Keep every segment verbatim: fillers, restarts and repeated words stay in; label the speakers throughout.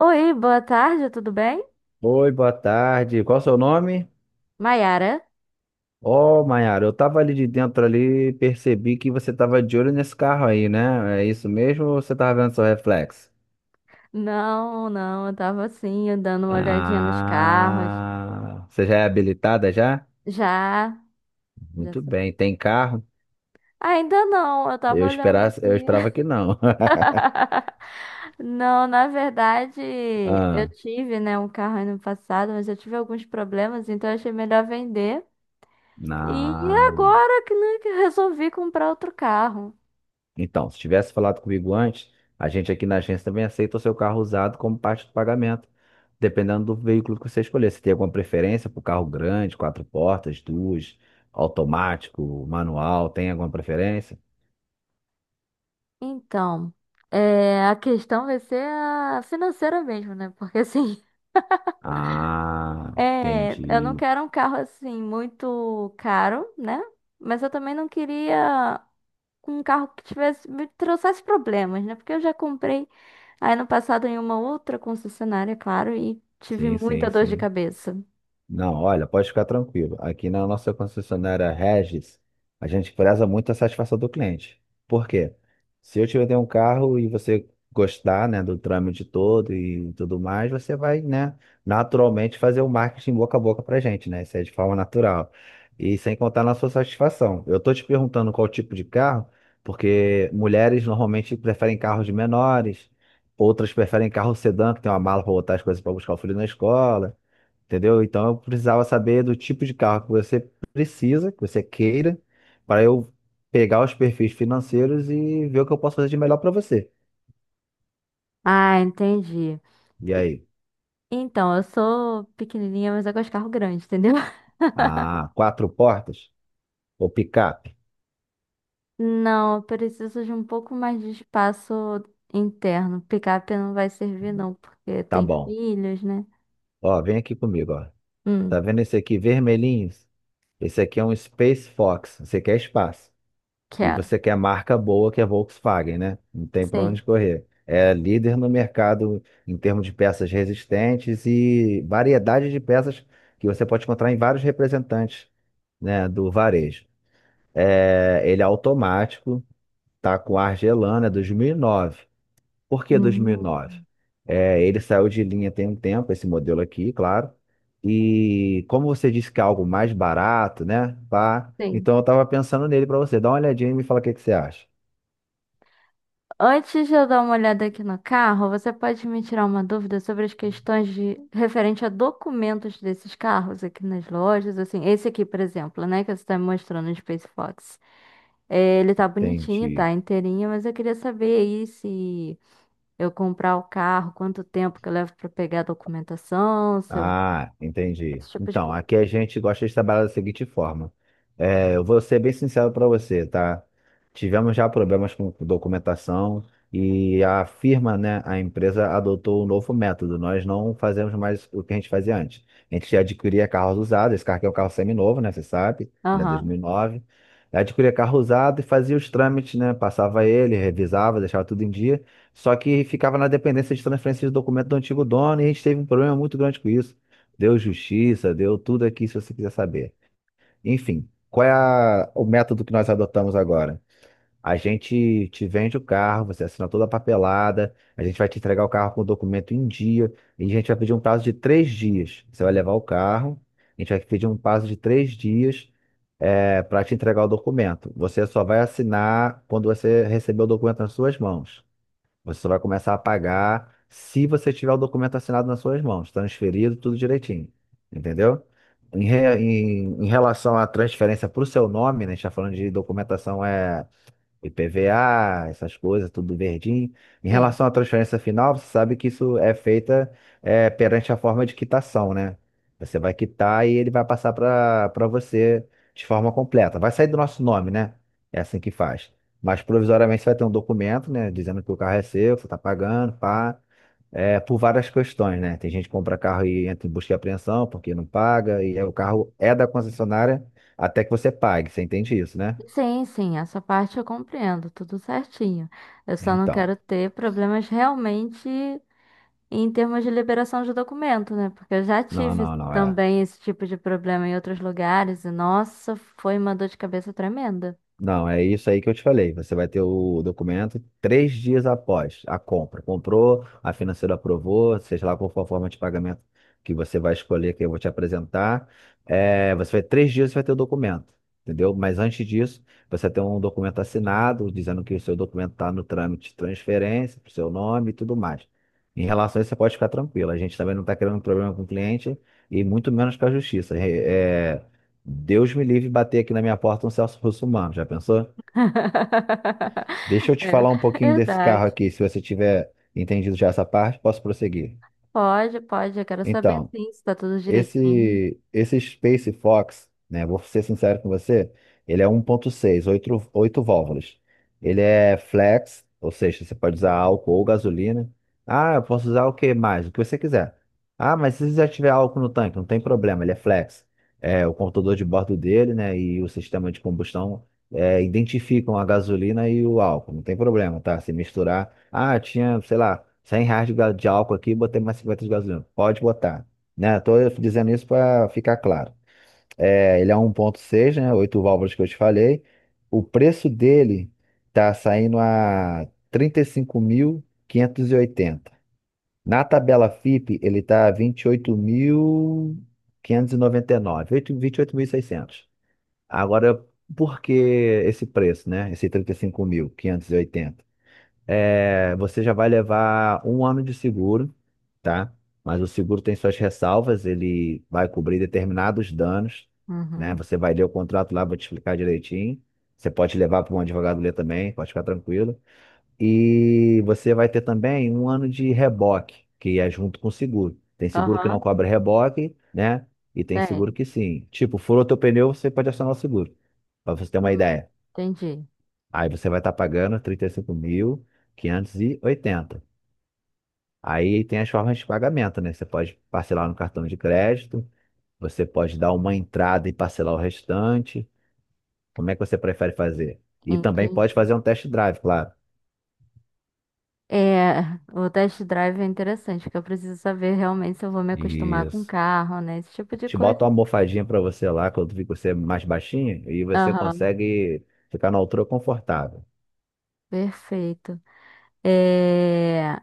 Speaker 1: Oi, boa tarde, tudo bem?
Speaker 2: Oi, boa tarde. Qual o seu nome?
Speaker 1: Maiara?
Speaker 2: Ó, Maiara, eu tava ali de dentro ali, percebi que você tava de olho nesse carro aí, né? É isso mesmo ou você tava vendo seu reflexo?
Speaker 1: Não, não, eu tava assim, dando uma olhadinha nos carros.
Speaker 2: Ah, você já é habilitada já?
Speaker 1: Já, já.
Speaker 2: Muito
Speaker 1: Sou-
Speaker 2: bem, tem carro?
Speaker 1: ainda não, eu tava
Speaker 2: Eu
Speaker 1: olhando
Speaker 2: esperava, eu
Speaker 1: aqui.
Speaker 2: esperava que não.
Speaker 1: Não, na verdade, eu
Speaker 2: Ah,
Speaker 1: tive, né, um carro ano passado, mas eu tive alguns problemas, então eu achei melhor vender. E
Speaker 2: não.
Speaker 1: agora que, né, que eu resolvi comprar outro carro.
Speaker 2: Então, se tivesse falado comigo antes, a gente aqui na agência também aceita o seu carro usado como parte do pagamento, dependendo do veículo que você escolher. Você tem alguma preferência por carro grande, quatro portas, duas, automático, manual? Tem alguma preferência?
Speaker 1: Então, é, a questão vai ser a financeira mesmo, né? Porque assim.
Speaker 2: Ah,
Speaker 1: É, eu não
Speaker 2: entendi.
Speaker 1: quero um carro assim muito caro, né? Mas eu também não queria um carro que tivesse me trouxesse problemas, né? Porque eu já comprei aí no passado em uma outra concessionária, claro, e tive
Speaker 2: Sim, sim,
Speaker 1: muita dor de
Speaker 2: sim.
Speaker 1: cabeça.
Speaker 2: Não, olha, pode ficar tranquilo. Aqui na nossa concessionária Regis, a gente preza muito a satisfação do cliente. Por quê? Se eu te vender um carro e você gostar, né, do trâmite todo e tudo mais, você vai, né, naturalmente fazer o marketing boca a boca pra gente, né? Isso é de forma natural. E sem contar na sua satisfação. Eu tô te perguntando qual tipo de carro, porque mulheres normalmente preferem carros menores, outras preferem carro sedã, que tem uma mala para botar as coisas para buscar o filho na escola, entendeu? Então eu precisava saber do tipo de carro que você precisa, que você queira, para eu pegar os perfis financeiros e ver o que eu posso fazer de melhor para você.
Speaker 1: Ah, entendi.
Speaker 2: E aí?
Speaker 1: Então, eu sou pequenininha, mas eu gosto de carro grande, entendeu?
Speaker 2: Ah, quatro portas? Ou picape?
Speaker 1: Não, eu preciso de um pouco mais de espaço interno. Picape não vai servir, não, porque
Speaker 2: Tá
Speaker 1: tem
Speaker 2: bom.
Speaker 1: filhos, né?
Speaker 2: Ó, vem aqui comigo, ó.
Speaker 1: Hum,
Speaker 2: Tá vendo esse aqui vermelhinho? Esse aqui é um Space Fox. Você quer espaço. E
Speaker 1: quero.
Speaker 2: você quer marca boa, que é Volkswagen, né? Não tem para onde
Speaker 1: Sim.
Speaker 2: correr. É líder no mercado em termos de peças resistentes e variedade de peças que você pode encontrar em vários representantes, né, do varejo. É, ele é automático, tá com ar gelando, é dois mil e nove. Por que
Speaker 1: Hum,
Speaker 2: dois mil e nove? É, ele saiu de linha tem um tempo, esse modelo aqui, claro. E como você disse que é algo mais barato, né? Pá,
Speaker 1: sim.
Speaker 2: então eu tava pensando nele para você. Dá uma olhadinha e me fala o que que você acha.
Speaker 1: Antes de eu dar uma olhada aqui no carro, você pode me tirar uma dúvida sobre as questões de referente a documentos desses carros aqui nas lojas, assim, esse aqui, por exemplo, né, que você está me mostrando no Space Fox. É, ele tá bonitinho,
Speaker 2: Entendi.
Speaker 1: tá inteirinho, mas eu queria saber aí se eu comprar o carro, quanto tempo que eu levo para pegar a documentação, se eu-
Speaker 2: Ah, entendi.
Speaker 1: esse tipo de
Speaker 2: Então,
Speaker 1: coisa.
Speaker 2: aqui a gente gosta de trabalhar da seguinte forma. É, eu vou ser bem sincero para você, tá? Tivemos já problemas com documentação e a firma, né, a empresa adotou um novo método. Nós não fazemos mais o que a gente fazia antes. A gente adquiria carros usados. Esse carro aqui é um carro seminovo, né? Você sabe, ele é dois
Speaker 1: Aham,
Speaker 2: mil e nove. Adquiria carro usado e fazia os trâmites, né? Passava ele, revisava, deixava tudo em dia. Só que ficava na dependência de transferência de documento do antigo dono e a gente teve um problema muito grande com isso. Deu justiça, deu tudo aqui, se você quiser saber. Enfim, qual é a- o método que nós adotamos agora? A gente te vende o carro, você assina toda a papelada, a gente vai te entregar o carro com o documento em dia, e a gente vai pedir um prazo de três dias. Você vai levar o carro, a gente vai pedir um prazo de três dias para te entregar o documento. Você só vai assinar quando você receber o documento nas suas mãos. Você só vai começar a pagar se você tiver o documento assinado nas suas mãos, transferido, tudo direitinho. Entendeu? Em, re- em- em relação à transferência para o seu nome, né, a gente está falando de documentação é I P V A, essas coisas, tudo verdinho. Em
Speaker 1: sim.
Speaker 2: relação à transferência final, você sabe que isso é feita, é, perante a forma de quitação, né? Você vai quitar e ele vai passar para para você de forma completa. Vai sair do nosso nome, né? É assim que faz. Mas provisoriamente você vai ter um documento, né? Dizendo que o carro é seu, que você está pagando, pá. É, por várias questões, né? Tem gente que compra carro e entra em busca e apreensão porque não paga, e aí o carro é da concessionária até que você pague. Você entende isso, né?
Speaker 1: Sim, sim, essa parte eu compreendo, tudo certinho. Eu só não
Speaker 2: Então.
Speaker 1: quero ter problemas realmente em termos de liberação de documento, né? Porque eu já
Speaker 2: Não,
Speaker 1: tive
Speaker 2: não, não, é.
Speaker 1: também esse tipo de problema em outros lugares e, nossa, foi uma dor de cabeça tremenda.
Speaker 2: Não, é isso aí que eu te falei. Você vai ter o documento três dias após a compra. Comprou, a financeira aprovou, seja lá qual for a forma de pagamento que você vai escolher, que eu vou te apresentar. É, você vai três dias você vai ter o documento, entendeu? Mas antes disso, você tem um documento assinado dizendo que o seu documento está no trâmite de transferência, para o seu nome e tudo mais. Em relação a isso, você pode ficar tranquilo. A gente também não está criando problema com o cliente e muito menos com a justiça. É, Deus me livre bater aqui na minha porta um Celso Russomano, já pensou? Deixa eu te falar um pouquinho
Speaker 1: É
Speaker 2: desse
Speaker 1: verdade.
Speaker 2: carro aqui, se você tiver entendido já essa parte, posso prosseguir.
Speaker 1: Pode, pode. Eu quero saber
Speaker 2: Então,
Speaker 1: sim, se tá tudo direitinho.
Speaker 2: Esse, esse Space Fox, né? Vou ser sincero com você, ele é um ponto seis, oito, oito válvulas. Ele é flex, ou seja, você pode usar álcool ou gasolina. Ah, eu posso usar o que mais? O que você quiser. Ah, mas se já tiver álcool no tanque, não tem problema, ele é flex. É, o computador de bordo dele, né, e o sistema de combustão é, identificam a gasolina e o álcool, não tem problema, tá? Se misturar, ah, tinha, sei lá, cem reais de ga- de álcool aqui, botei mais cinquenta de gasolina. Pode botar, né? Tô dizendo isso para ficar claro. É, ele é um 1.6, né? Oito válvulas que eu te falei. O preço dele tá saindo a trinta e e cinco mil quinhentos e oitenta. Na tabela FIPE, ele tá vinte e oito- mil mil quinhentos e e e noventa nove oito- vinte e oito mil e seiscentos. Agora, por que esse preço, né? Esse trinta e cinco mil quinhentos e oitenta, é, você já vai levar um ano de seguro, tá? Mas o seguro tem suas ressalvas, ele vai cobrir determinados danos, né?
Speaker 1: Uhum.
Speaker 2: Você vai ler o contrato lá, vou te explicar direitinho. Você pode levar para um advogado ler também, pode ficar tranquilo. E você vai ter também um ano de reboque, que é junto com o seguro. Tem seguro que não
Speaker 1: Aham,
Speaker 2: cobra reboque, né? E tem seguro
Speaker 1: tem.
Speaker 2: que sim. Tipo, furou teu pneu, você pode acionar o seguro, para você ter
Speaker 1: Hum,
Speaker 2: uma ideia.
Speaker 1: entendi.
Speaker 2: Aí você vai estar pagando trinta e e cinco mil quinhentos e oitenta. Aí tem as formas de pagamento, né? Você pode parcelar no cartão de crédito, você pode dar uma entrada e parcelar o restante. Como é que você prefere fazer? E também pode
Speaker 1: Entendi.
Speaker 2: fazer um test drive, claro.
Speaker 1: É, o test drive é interessante, porque eu preciso saber realmente se eu vou me acostumar com o
Speaker 2: Isso.
Speaker 1: carro, né? Esse tipo de
Speaker 2: Te
Speaker 1: coisa.
Speaker 2: bota uma almofadinha para você lá, quando fica você mais baixinho, e você
Speaker 1: Aham,
Speaker 2: consegue ficar na altura confortável.
Speaker 1: perfeito. É,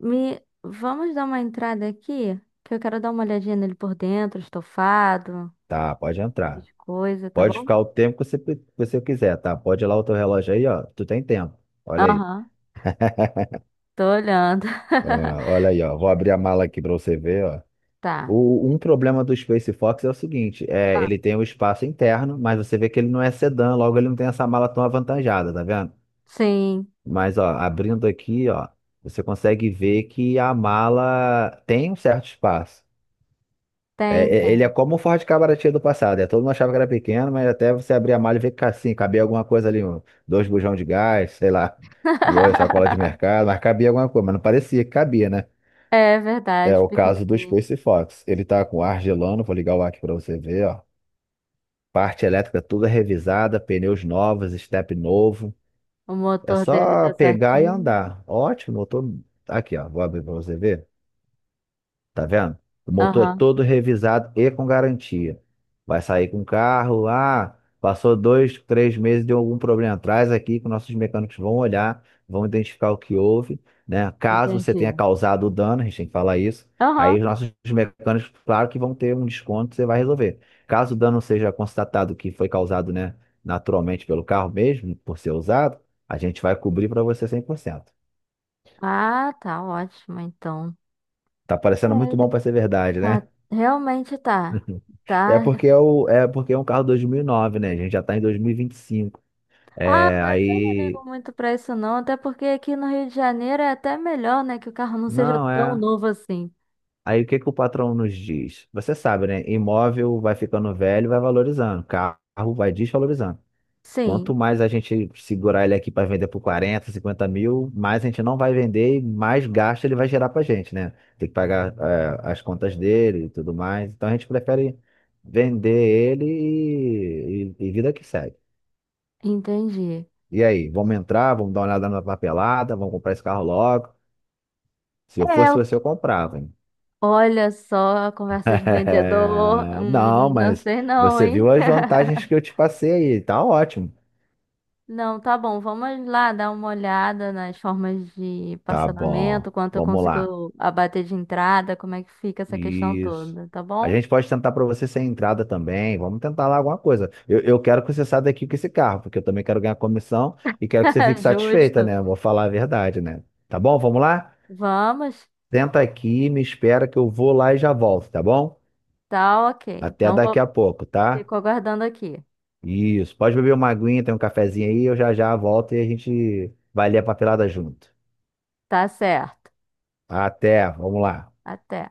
Speaker 1: me, vamos dar uma entrada aqui, que eu quero dar uma olhadinha nele por dentro, estofado,
Speaker 2: Tá, pode entrar.
Speaker 1: de coisa, tá
Speaker 2: Pode
Speaker 1: bom?
Speaker 2: ficar o tempo que você, que você quiser, tá? Pode ir lá o teu relógio aí, ó. Tu tem tempo. Olha aí.
Speaker 1: Aham, tô olhando.
Speaker 2: Ah, olha aí, ó. Vou abrir a mala aqui para você ver, ó.
Speaker 1: Tá.
Speaker 2: O, um problema do Space Fox é o seguinte, é,
Speaker 1: Ah,
Speaker 2: ele tem um espaço interno, mas você vê que ele não é sedã, logo ele não tem essa mala tão avantajada, tá vendo?
Speaker 1: sim,
Speaker 2: Mas, ó, abrindo aqui, ó, você consegue ver que a mala tem um certo espaço. É,
Speaker 1: tem,
Speaker 2: é- ele é
Speaker 1: tem.
Speaker 2: como o Ford Cabramatil do passado, é, todo mundo achava que era pequeno, mas até você abrir a mala e ver que tá assim, cabia alguma coisa ali, um- dois bujão de gás, sei lá, duas sacolas de mercado, mas cabia alguma coisa, mas não parecia que cabia, né?
Speaker 1: É
Speaker 2: É
Speaker 1: verdade,
Speaker 2: o caso do
Speaker 1: pequenininho.
Speaker 2: Space Fox. Ele tá com ar gelando, vou ligar o ar aqui pra você ver, ó. Parte elétrica toda revisada, pneus novos, step novo.
Speaker 1: O
Speaker 2: É
Speaker 1: motor dele
Speaker 2: só
Speaker 1: tá
Speaker 2: pegar e
Speaker 1: certinho.
Speaker 2: andar. Ótimo, eu tô aqui, ó. Vou abrir pra você ver. Tá vendo? O motor é
Speaker 1: Aham,
Speaker 2: todo revisado e com garantia. Vai sair com o carro, ah, passou dois, três meses, deu algum problema. Traz aqui que nossos mecânicos vão olhar, vão identificar o que houve, né? Caso você
Speaker 1: entendi.
Speaker 2: tenha causado o dano, a gente tem que falar isso. Aí
Speaker 1: Aham.
Speaker 2: os nossos mecânicos, claro que vão ter um desconto, você vai resolver. Caso o dano seja constatado que foi causado, né, naturalmente pelo carro mesmo, por ser usado, a gente vai cobrir para você cem por cento.
Speaker 1: Ah, tá ótimo, então.
Speaker 2: Tá
Speaker 1: É,
Speaker 2: parecendo muito bom
Speaker 1: ele
Speaker 2: para ser verdade,
Speaker 1: tá,
Speaker 2: né?
Speaker 1: realmente tá.
Speaker 2: É
Speaker 1: Tá.
Speaker 2: porque é, o, é porque é um carro dois mil e nove, né? A gente já tá em dois mil e e vinte e cinco.
Speaker 1: Ah,
Speaker 2: É,
Speaker 1: mas eu não
Speaker 2: aí.
Speaker 1: ligo muito pra isso não, até porque aqui no Rio de Janeiro é até melhor, né, que o carro não seja
Speaker 2: Não,
Speaker 1: tão
Speaker 2: é.
Speaker 1: novo assim.
Speaker 2: Aí o que que o patrão nos diz? Você sabe, né? Imóvel vai ficando velho, vai valorizando. Carro vai desvalorizando.
Speaker 1: Sim,
Speaker 2: Quanto mais a gente segurar ele aqui para vender por quarenta, cinquenta mil, mais a gente não vai vender e mais gasto ele vai gerar pra gente, né? Tem que pagar, é, as contas dele e tudo mais. Então a gente prefere vender ele e, e e vida que segue.
Speaker 1: entendi.
Speaker 2: E aí, vamos entrar, vamos dar uma olhada na papelada, vamos comprar esse carro logo. Se eu
Speaker 1: É,
Speaker 2: fosse você, eu comprava, hein?
Speaker 1: olha só a conversa de vendedor,
Speaker 2: Não,
Speaker 1: hum, não
Speaker 2: mas
Speaker 1: sei não,
Speaker 2: você viu
Speaker 1: hein?
Speaker 2: as vantagens que eu te passei aí, tá ótimo.
Speaker 1: Não, tá bom, vamos lá dar uma olhada nas formas de
Speaker 2: Tá bom,
Speaker 1: parcelamento, quanto eu
Speaker 2: vamos lá.
Speaker 1: consigo abater de entrada, como é que fica essa questão
Speaker 2: Isso.
Speaker 1: toda, tá
Speaker 2: A
Speaker 1: bom?
Speaker 2: gente pode tentar para você sem entrada também. Vamos tentar lá alguma coisa. Eu, eu quero que você saia daqui com esse carro, porque eu também quero ganhar comissão e quero que você fique satisfeita,
Speaker 1: Justo.
Speaker 2: né? Vou falar a verdade, né? Tá bom? Vamos lá?
Speaker 1: Vamos?
Speaker 2: Senta aqui, me espera que eu vou lá e já volto, tá bom?
Speaker 1: Tá, ok.
Speaker 2: Até
Speaker 1: Então, vou...
Speaker 2: daqui a pouco, tá?
Speaker 1: fico aguardando aqui.
Speaker 2: Isso. Pode beber uma aguinha, tem um cafezinho aí, eu já já volto e a gente vai ler a papelada junto.
Speaker 1: Tá certo.
Speaker 2: Até, vamos lá.
Speaker 1: Até.